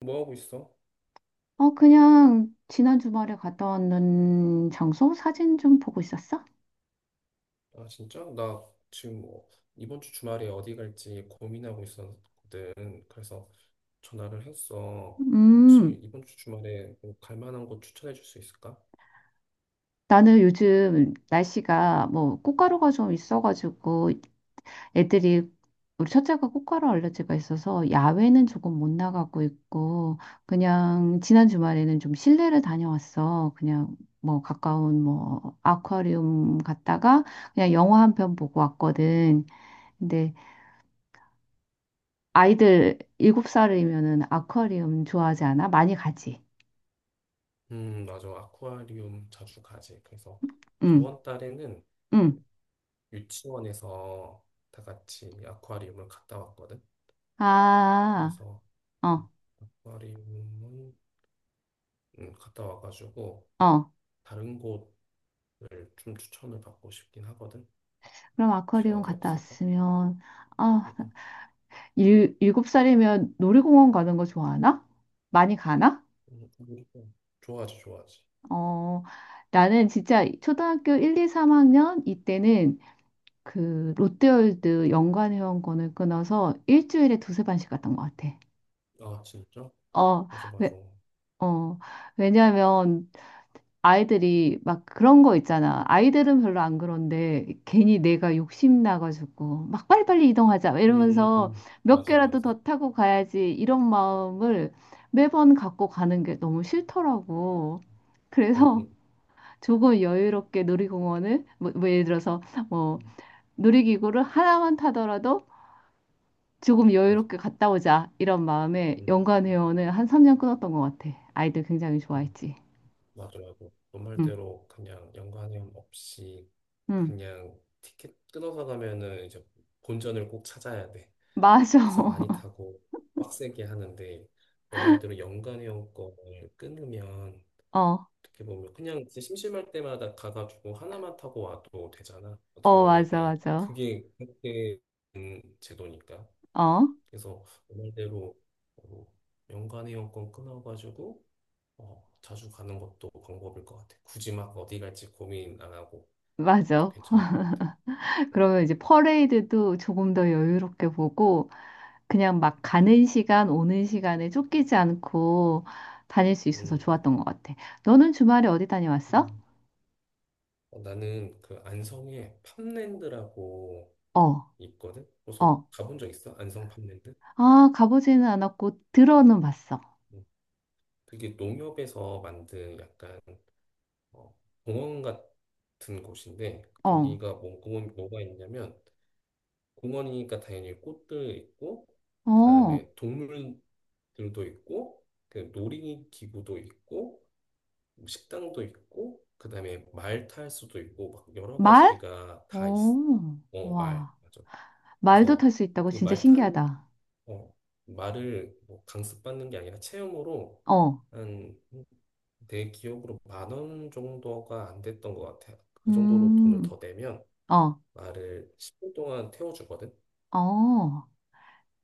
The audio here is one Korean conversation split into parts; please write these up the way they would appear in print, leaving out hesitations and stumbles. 뭐 하고 있어? 어, 그냥 지난 주말에 갔다 왔는 장소 사진 좀 보고 있었어? 아, 진짜? 나 지금 뭐 이번 주 주말에 어디 갈지 고민하고 있었거든. 그래서 전화를 했어. 혹시 음, 이번 주 주말에 뭐갈 만한 곳 추천해 줄 수 있을까? 나는 요즘 날씨가 뭐 꽃가루가 좀 있어가지고 애들이 우리 첫째가 꽃가루 알레르기가 있어서 야외는 조금 못 나가고 있고 그냥 지난 주말에는 좀 실내를 다녀왔어. 그냥 뭐 가까운 뭐 아쿠아리움 갔다가 그냥 영화 한 편 보고 왔거든. 근데 아이들 일곱 살이면은 아쿠아리움 좋아하지 않아? 많이 가지. 맞아. 아쿠아리움 자주 가지. 그래서 응, 저번 달에는 응. 그 유치원에서 다 같이 아쿠아리움을 갔다 왔거든. 아, 그래서 어, 아쿠아리움은 갔다 와가지고 어. 다른 곳을 좀 추천을 받고 싶긴 하거든. 그럼 혹시 아쿠아리움 어디 갔다 없을까? 왔으면, 아, 음, 일곱 살이면 놀이공원 가는 거 좋아하나? 많이 가나? 음, 음, 음. 좋아하지, 좋아하지. 어, 나는 진짜 초등학교 1, 2, 3학년 이때는 그 롯데월드 연간 회원권을 끊어서 일주일에 두세 번씩 갔던 것 같아. 아, 진짜? 어, 맞아, 맞아. 왜, 어, 왜냐면 아이들이 막 그런 거 있잖아. 아이들은 별로 안 그런데 괜히 내가 욕심 나가지고 막 빨리빨리 이동하자 이러면서 몇 맞아, 개라도 맞아. 더 타고 가야지 이런 마음을 매번 갖고 가는 게 너무 싫더라고. 음, 그래서 음, 조금 여유롭게 놀이공원을 뭐 예를 들어서 뭐 음, 놀이기구를 하나만 타더라도 조금 맞아. 여유롭게 갔다 오자 이런 마음에 음, 연간회원을 한 3년 끊었던 것 같아. 아이들 굉장히 음, 좋아했지. 맞아, 맞아. 너 응, 말대로 그냥 연관형 없이 응, 그냥 티켓 끊어서 가면은 이제 본전을 꼭 찾아야 돼. 맞아. 그래서 많이 타고 빡세게 하는데 너 말대로 연관형 거를 끊으면 어. 어떻게 보면 그냥 이제 심심할 때마다 가가지고 하나만 타고 와도 되잖아. 어떻게 어, 맞아, 보면은 맞아. 그게 그렇게 된 제도니까. 어, 그래서 그 말대로 어, 연간의 연권 끊어가지고 자주 가는 것도 방법일 것 같아. 굳이 막 어디 갈지 고민 안 하고 그것도 맞아. 괜찮은 것 같아. 응. 그러면 이제 퍼레이드도 조금 더 여유롭게 보고, 그냥 막 가는 시간, 오는 시간에 쫓기지 않고 다닐 수 있어서 음, 좋았던 것 같아. 너는 주말에 어디 다녀왔어? 음. 나는 그 안성에 팜랜드라고 어, 있거든. 그래서 어. 가본 적 있어? 안성 팜랜드? 아, 가보지는 않았고, 들어는 봤어. 음. 그게 농협에서 만든 약간 어, 공원 같은 곳인데 어, 거기가 뭐, 공원, 뭐가 있냐면 공원이니까 당연히 꽃들 있고 어. 그다음에 동물들도 있고 그 놀이기구도 있고 뭐 식당도 있고 그다음에 말탈 수도 있고 막 여러 말? 가지가 다 있어. 어, 어, 말. 와. 맞아. 말도 그래서 탈 수 있다고 그 진짜 말 타는 신기하다. 어, 말을 뭐 강습받는 게 아니라 체험으로 어, 한 내 기억으로 10,000원 정도가 안 됐던 것 같아요. 그 정도로 돈을 음, 더 내면 어, 말을 10분 동안 태워주거든. 어.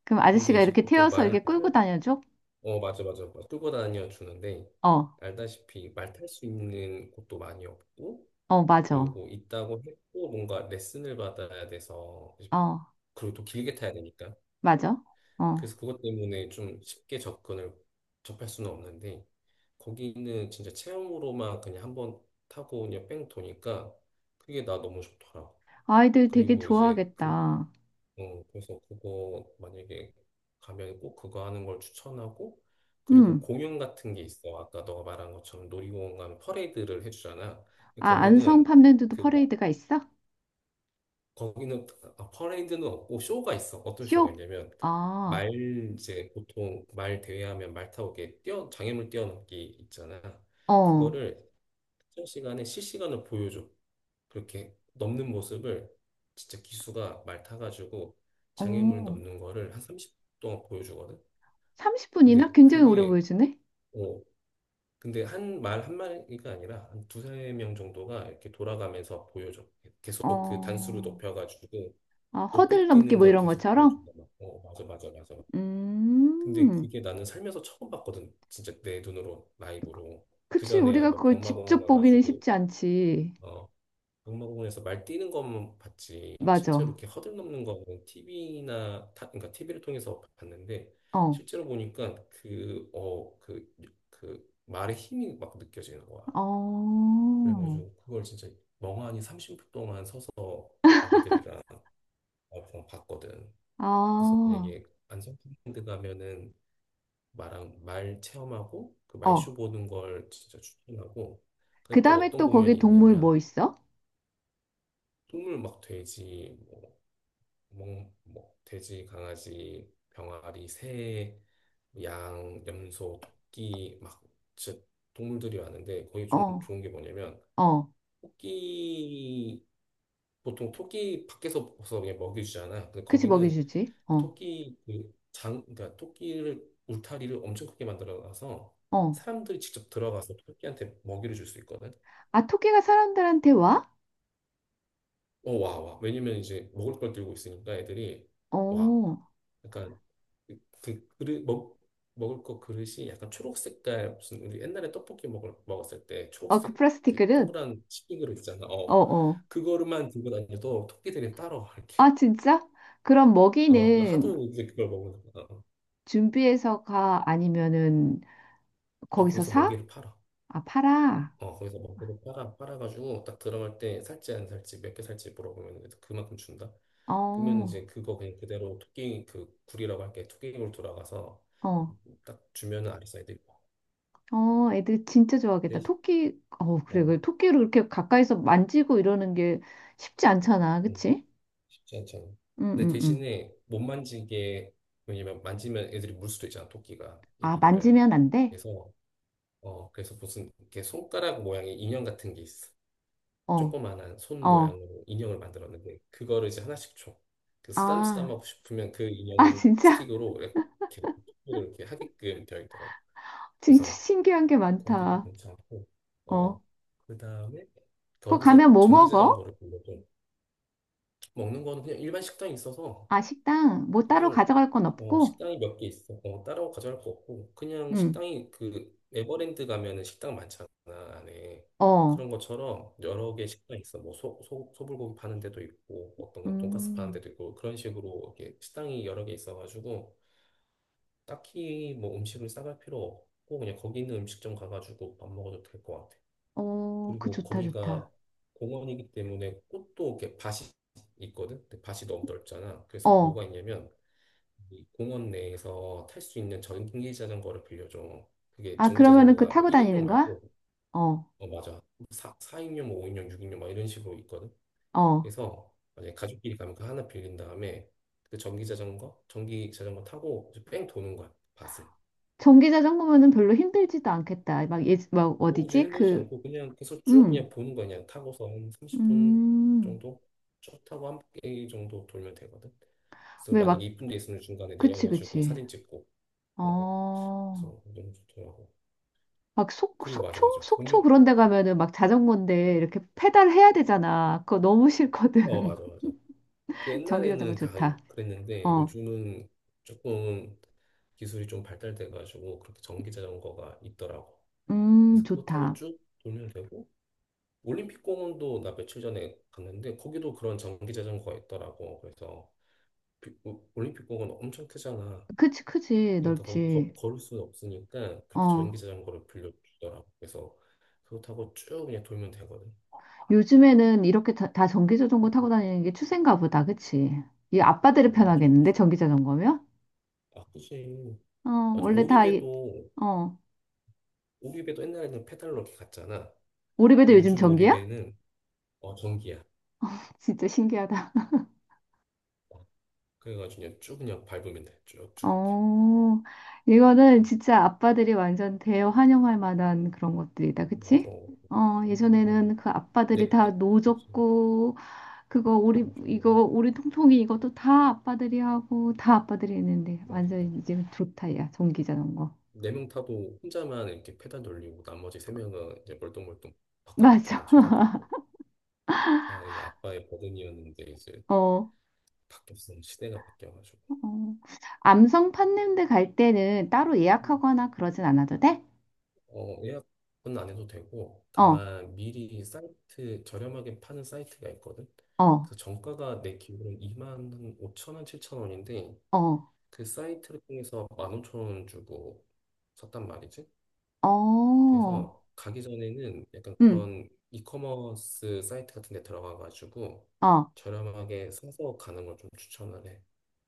그럼 근데 아저씨가 이제 이렇게 보통 태워서 말을 이렇게 끌고 탈, 다녀줘? 어, 맞아, 맞아. 맞아. 끌고 다녀 주는데 어. 알다시피 말 탈 수 있는 곳도 많이 없고 어, 맞아. 그리고 있다고 해도 뭔가 레슨을 받아야 돼서 어, 그리고 또 길게 타야 되니까 맞아. 어. 그래서 그것 때문에 좀 쉽게 접근을 접할 수는 없는데 거기는 진짜 체험으로만 그냥 한번 타고 그냥 뺑 도니까 그게 나 너무 좋더라고. 아이들 되게 그리고 이제 그 좋아하겠다. 그래서 그거 만약에 가면 꼭 그거 하는 걸 추천하고 그리고 음. 공연 같은 게 있어. 아까 너가 말한 것처럼 놀이공원 가면 퍼레이드를 해주잖아. 근데 아, 안성 팜랜드도 그 퍼레이드가 있어? 거기는 아, 퍼레이드는 없고 쇼가 있어. 어떤 쇼가 쇼? 있냐면 아, 말 이제 보통 말 대회하면 말 타고 이렇게 뛰어 장애물 뛰어넘기 있잖아. 어, 그거를 특정 시간에 실시간으로 보여줘. 그렇게 넘는 모습을 진짜 기수가 말 타가지고 장애물 어. 넘는 거를 한 30분 동안 보여주거든. 30분이나? 근데 굉장히 오래 그게 보여주네? 어, 근데 한 말 한마디가 아니라 한 두세 명 정도가 이렇게 돌아가면서 보여줘. 계속 그 단수를 어, 높여가지고 아, 허들 높이 넘기 뛰는 뭐 걸 이런 계속 것처럼? 보여준다. 막. 어, 맞아, 맞아, 맞아. 음. 근데 그게 나는 살면서 처음 봤거든. 진짜 내 눈으로, 라이브로. 그치, 그전에야 우리가 뭐 그걸 병마공원 직접 보기는 가가지고, 쉽지 않지. 어, 병마공원에서 말 뛰는 것만 봤지. 실제로 맞아. 이렇게 허들 넘는 거는 TV나, 그러니까 티비를 통해서 봤는데, 어, 실제로 보니까 그 말의 힘이 막 느껴지는 거야. 어, 그래가지고 그걸 진짜 멍하니 30분 동안 서서 애기들이랑 와이프랑 봤거든. 그래서 아, 만약에 안성랜드 가면은 말랑 말 체험하고 그 어. 말쇼 보는 걸 진짜 추천하고 그 근데 또 다음에 어떤 또 거기 공연이 동물 있냐면 뭐 있어? 동물 막 돼지 뭐, 뭐 돼지 강아지 병아리 새 양, 염소, 토끼 막 진짜 동물들이 왔는데 거기 좀 어, 좋은 게 뭐냐면 어. 토끼 보통 토끼 밖에서 벗어 그냥 먹여주잖아. 근데 그치, 거기는 먹여주지. 어, 토끼 그러니까 토끼를 울타리를 엄청 크게 만들어놔서 어. 사람들이 직접 들어가서 토끼한테 먹이를 줄 수 있거든. 아, 토끼가 사람들한테 와? 어, 와, 와. 왜냐면 이제 먹을 걸 들고 있으니까 애들이 와. 어, 약간 그, 그 그릇 먹 먹을 거 그릇이 약간 초록 색깔 무슨 우리 옛날에 떡볶이 먹을 먹었을 때 어, 그 초록색 플라스틱들그 은 동그란 치킨 그릇 있잖아. 어, 어. 어. 그거만 들고 다녀도 토끼들이 따라와 이렇게. 아, 진짜? 그럼 어, 그 먹이는 하도 이제 그걸 먹는 거야. 어, 준비해서 가? 아니면은 어, 거기서 거기서 사? 먹이를 팔아. 아, 팔아? 어, 거기서 먹이를 팔아, 팔아가지고 딱 들어갈 때 살지 안 살지, 몇 개 살지 물어보면 이제 그만큼 준다. 그러면 어, 이제 그거 그냥 그대로 토끼 그 굴이라고 할게 토끼굴 돌아가서 어, 딱 주면은 아리사이드 입어. 어, 애들 진짜 좋아하겠다. 대신, 토끼, 어, 그래, 어, 그래. 토끼를 그렇게 가까이서 만지고 이러는 게 쉽지 않잖아. 음, 그치? 쉽지 않잖아. 응, 근데 응, 응. 대신에 못 만지게, 왜냐면 만지면 애들이 물 수도 있잖아, 토끼가, 아, 애기들을. 만지면 안 돼? 그래서, 그래서 무슨 이렇게 손가락 모양의 인형 같은 게 있어. 어, 조그만한 손 어. 모양으로 인형을 만들었는데 그거를 이제 하나씩 줘. 그 아, 쓰담쓰담하고 싶으면 그 아, 인형 진짜? 스틱으로 이렇게 토끼를 이렇게 하게끔 되어 있더라고. 진짜 그래서 신기한 게 거기도 많다. 괜찮고 어 어. 그다음에 그거 거기서 가면 뭐 먹어? 전기자전거를 보려고. 먹는 거는 그냥 일반 식당이 있어서 아, 식당. 뭐 따로 그냥 가져갈 건 없고? 식당이 몇 개 있어. 어, 따로 가져갈 거 없고 그냥 응. 식당이 그 에버랜드 가면은 식당 많잖아 안에. 어. 그런 것처럼 여러 개 식당 있어. 뭐 소불고기 파는 데도 있고 어떤 건 돈가스 파는 음. 데도 있고 그런 식으로 이렇게 식당이 여러 개 있어가지고 딱히 뭐 음식을 싸갈 필요 없고 그냥 거기 있는 음식점 가가지고 밥 먹어도 될 것 같아. 어, 그 그리고 좋다, 거기가 좋다. 공원이기 때문에 꽃도 이렇게 밭이 있거든. 근데 밭이 너무 넓잖아. 그래서 어. 뭐가 있냐면 이 공원 내에서 탈 수 있는 전기 자전거를 빌려줘. 그게 아, 전기 그러면은 그 자전거가 뭐 타고 1인용 다니는 거야? 말고, 어. 어, 맞아. 4, 사인용 뭐 5인용, 6인용 막 이런 식으로 있거든. 어. 그래서 만약에 가족끼리 가면 그 하나 빌린 다음에 그 전기 자전거 타고 이제 뺑 도는 거야, 밭을. 전기 자전거면은 별로 힘들지도 않겠다. 막, 예, 막 어우지 어디지? 힘들지 그, 않고 그냥 계속 쭉 음. 그냥 보는 거야. 그냥 타고서 한 30분 음. 정도 쭉 타고 한 바퀴 정도 돌면 되거든. 그래서 왜 만약에 막, 이쁜 데 있으면 중간에 그치, 내려가지고 그치. 사진 찍고, 어, 어. 어. 그래서 너무 좋더라고. 막 속, 그리고 맞아 속초? 맞아 속초 공연 그런 데 가면은 막 자전거인데 이렇게 페달 해야 되잖아. 그거 너무 어 싫거든. 맞아 맞아 그 전기 자전거 옛날에는 다 좋다. 그랬는데 어. 요즘은 조금 기술이 좀 발달돼 가지고 그렇게 전기 자전거가 있더라고. 그래서 그거 타고 좋다. 쭉 돌면 되고 올림픽 공원도 나 며칠 전에 갔는데 거기도 그런 전기 자전거가 있더라고. 그래서 올림픽 공원 엄청 크잖아. 그치, 크지, 그러니까 거기 넓지. 걸을 수는 없으니까 그렇게 어, 전기 자전거를 빌려주더라고. 그래서 그거 타고 쭉 그냥 돌면 되거든. 요즘에는 이렇게 다 전기 음, 자전거 타고 다니는 게 추세인가 보다, 그치? 이 어, 아빠들이 맞아 맞아 편하겠는데, 전기 자전거면? 아 그치 어, 맞아. 원래 다, 이, 오리배도, 어, 오리배도 옛날에는 페달로 이렇게 갔잖아. 우리 배도 근데 요즘 요즘 전기야? 오리배는 전기야. 진짜 신기하다. 어, 그래가지고 그냥 쭉 그냥 밟으면 돼. 쭉쭉 이렇게. 어, 이거는 음, 진짜 아빠들이 완전 대환영할 만한 그런 것들이다, 그치? 맞아. 어, 음, 예전에는 그 네, 아빠들이 다 네. 그렇지. 노졌고, 그거 우리 이거 맞아. 우리 통통이 이것도 다 아빠들이 하고 다 아빠들이 했는데 맞아. 완전 맞아. 이제 좋다 야 전기 자전거 네 명 타도 혼자만 이렇게 페달 돌리고 나머지 세 명은 이제 멀뚱멀뚱 맞아 바깥에만 쳐다보고. 다 이게 아빠의 버든이었는데 이제 어, 어. 바뀌었어. 시대가 바뀌어가지고. 암성 팥냄새 갈 때는 따로 예약하거나 그러진 않아도 돼? 어, 예약은 안 해도 되고, 어 다만 미리 사이트, 저렴하게 파는 사이트가 있거든. 어 그래서 정가가 내 기준으로 2만 오천 원, 7천 원인데, 어 그 사이트를 통해서 1만 오천 원 주고 샀단 말이지. 어 그래서 가기 전에는 약간 음 그런 이커머스 사이트 같은 데 들어가가지고 어 저렴하게 사서 가는 걸 좀 추천을 해.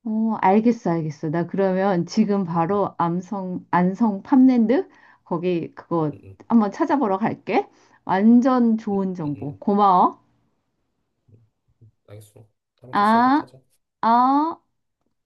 어 알겠어 알겠어 나 그러면 지금 응, 응, 바로 암성 안성 팜랜드 거기 그거 응, 한번 찾아보러 갈게. 완전 좋은 응, 정보 응, 고마워. 응. 알겠어. 다음에 다시 아 연락하자. 어.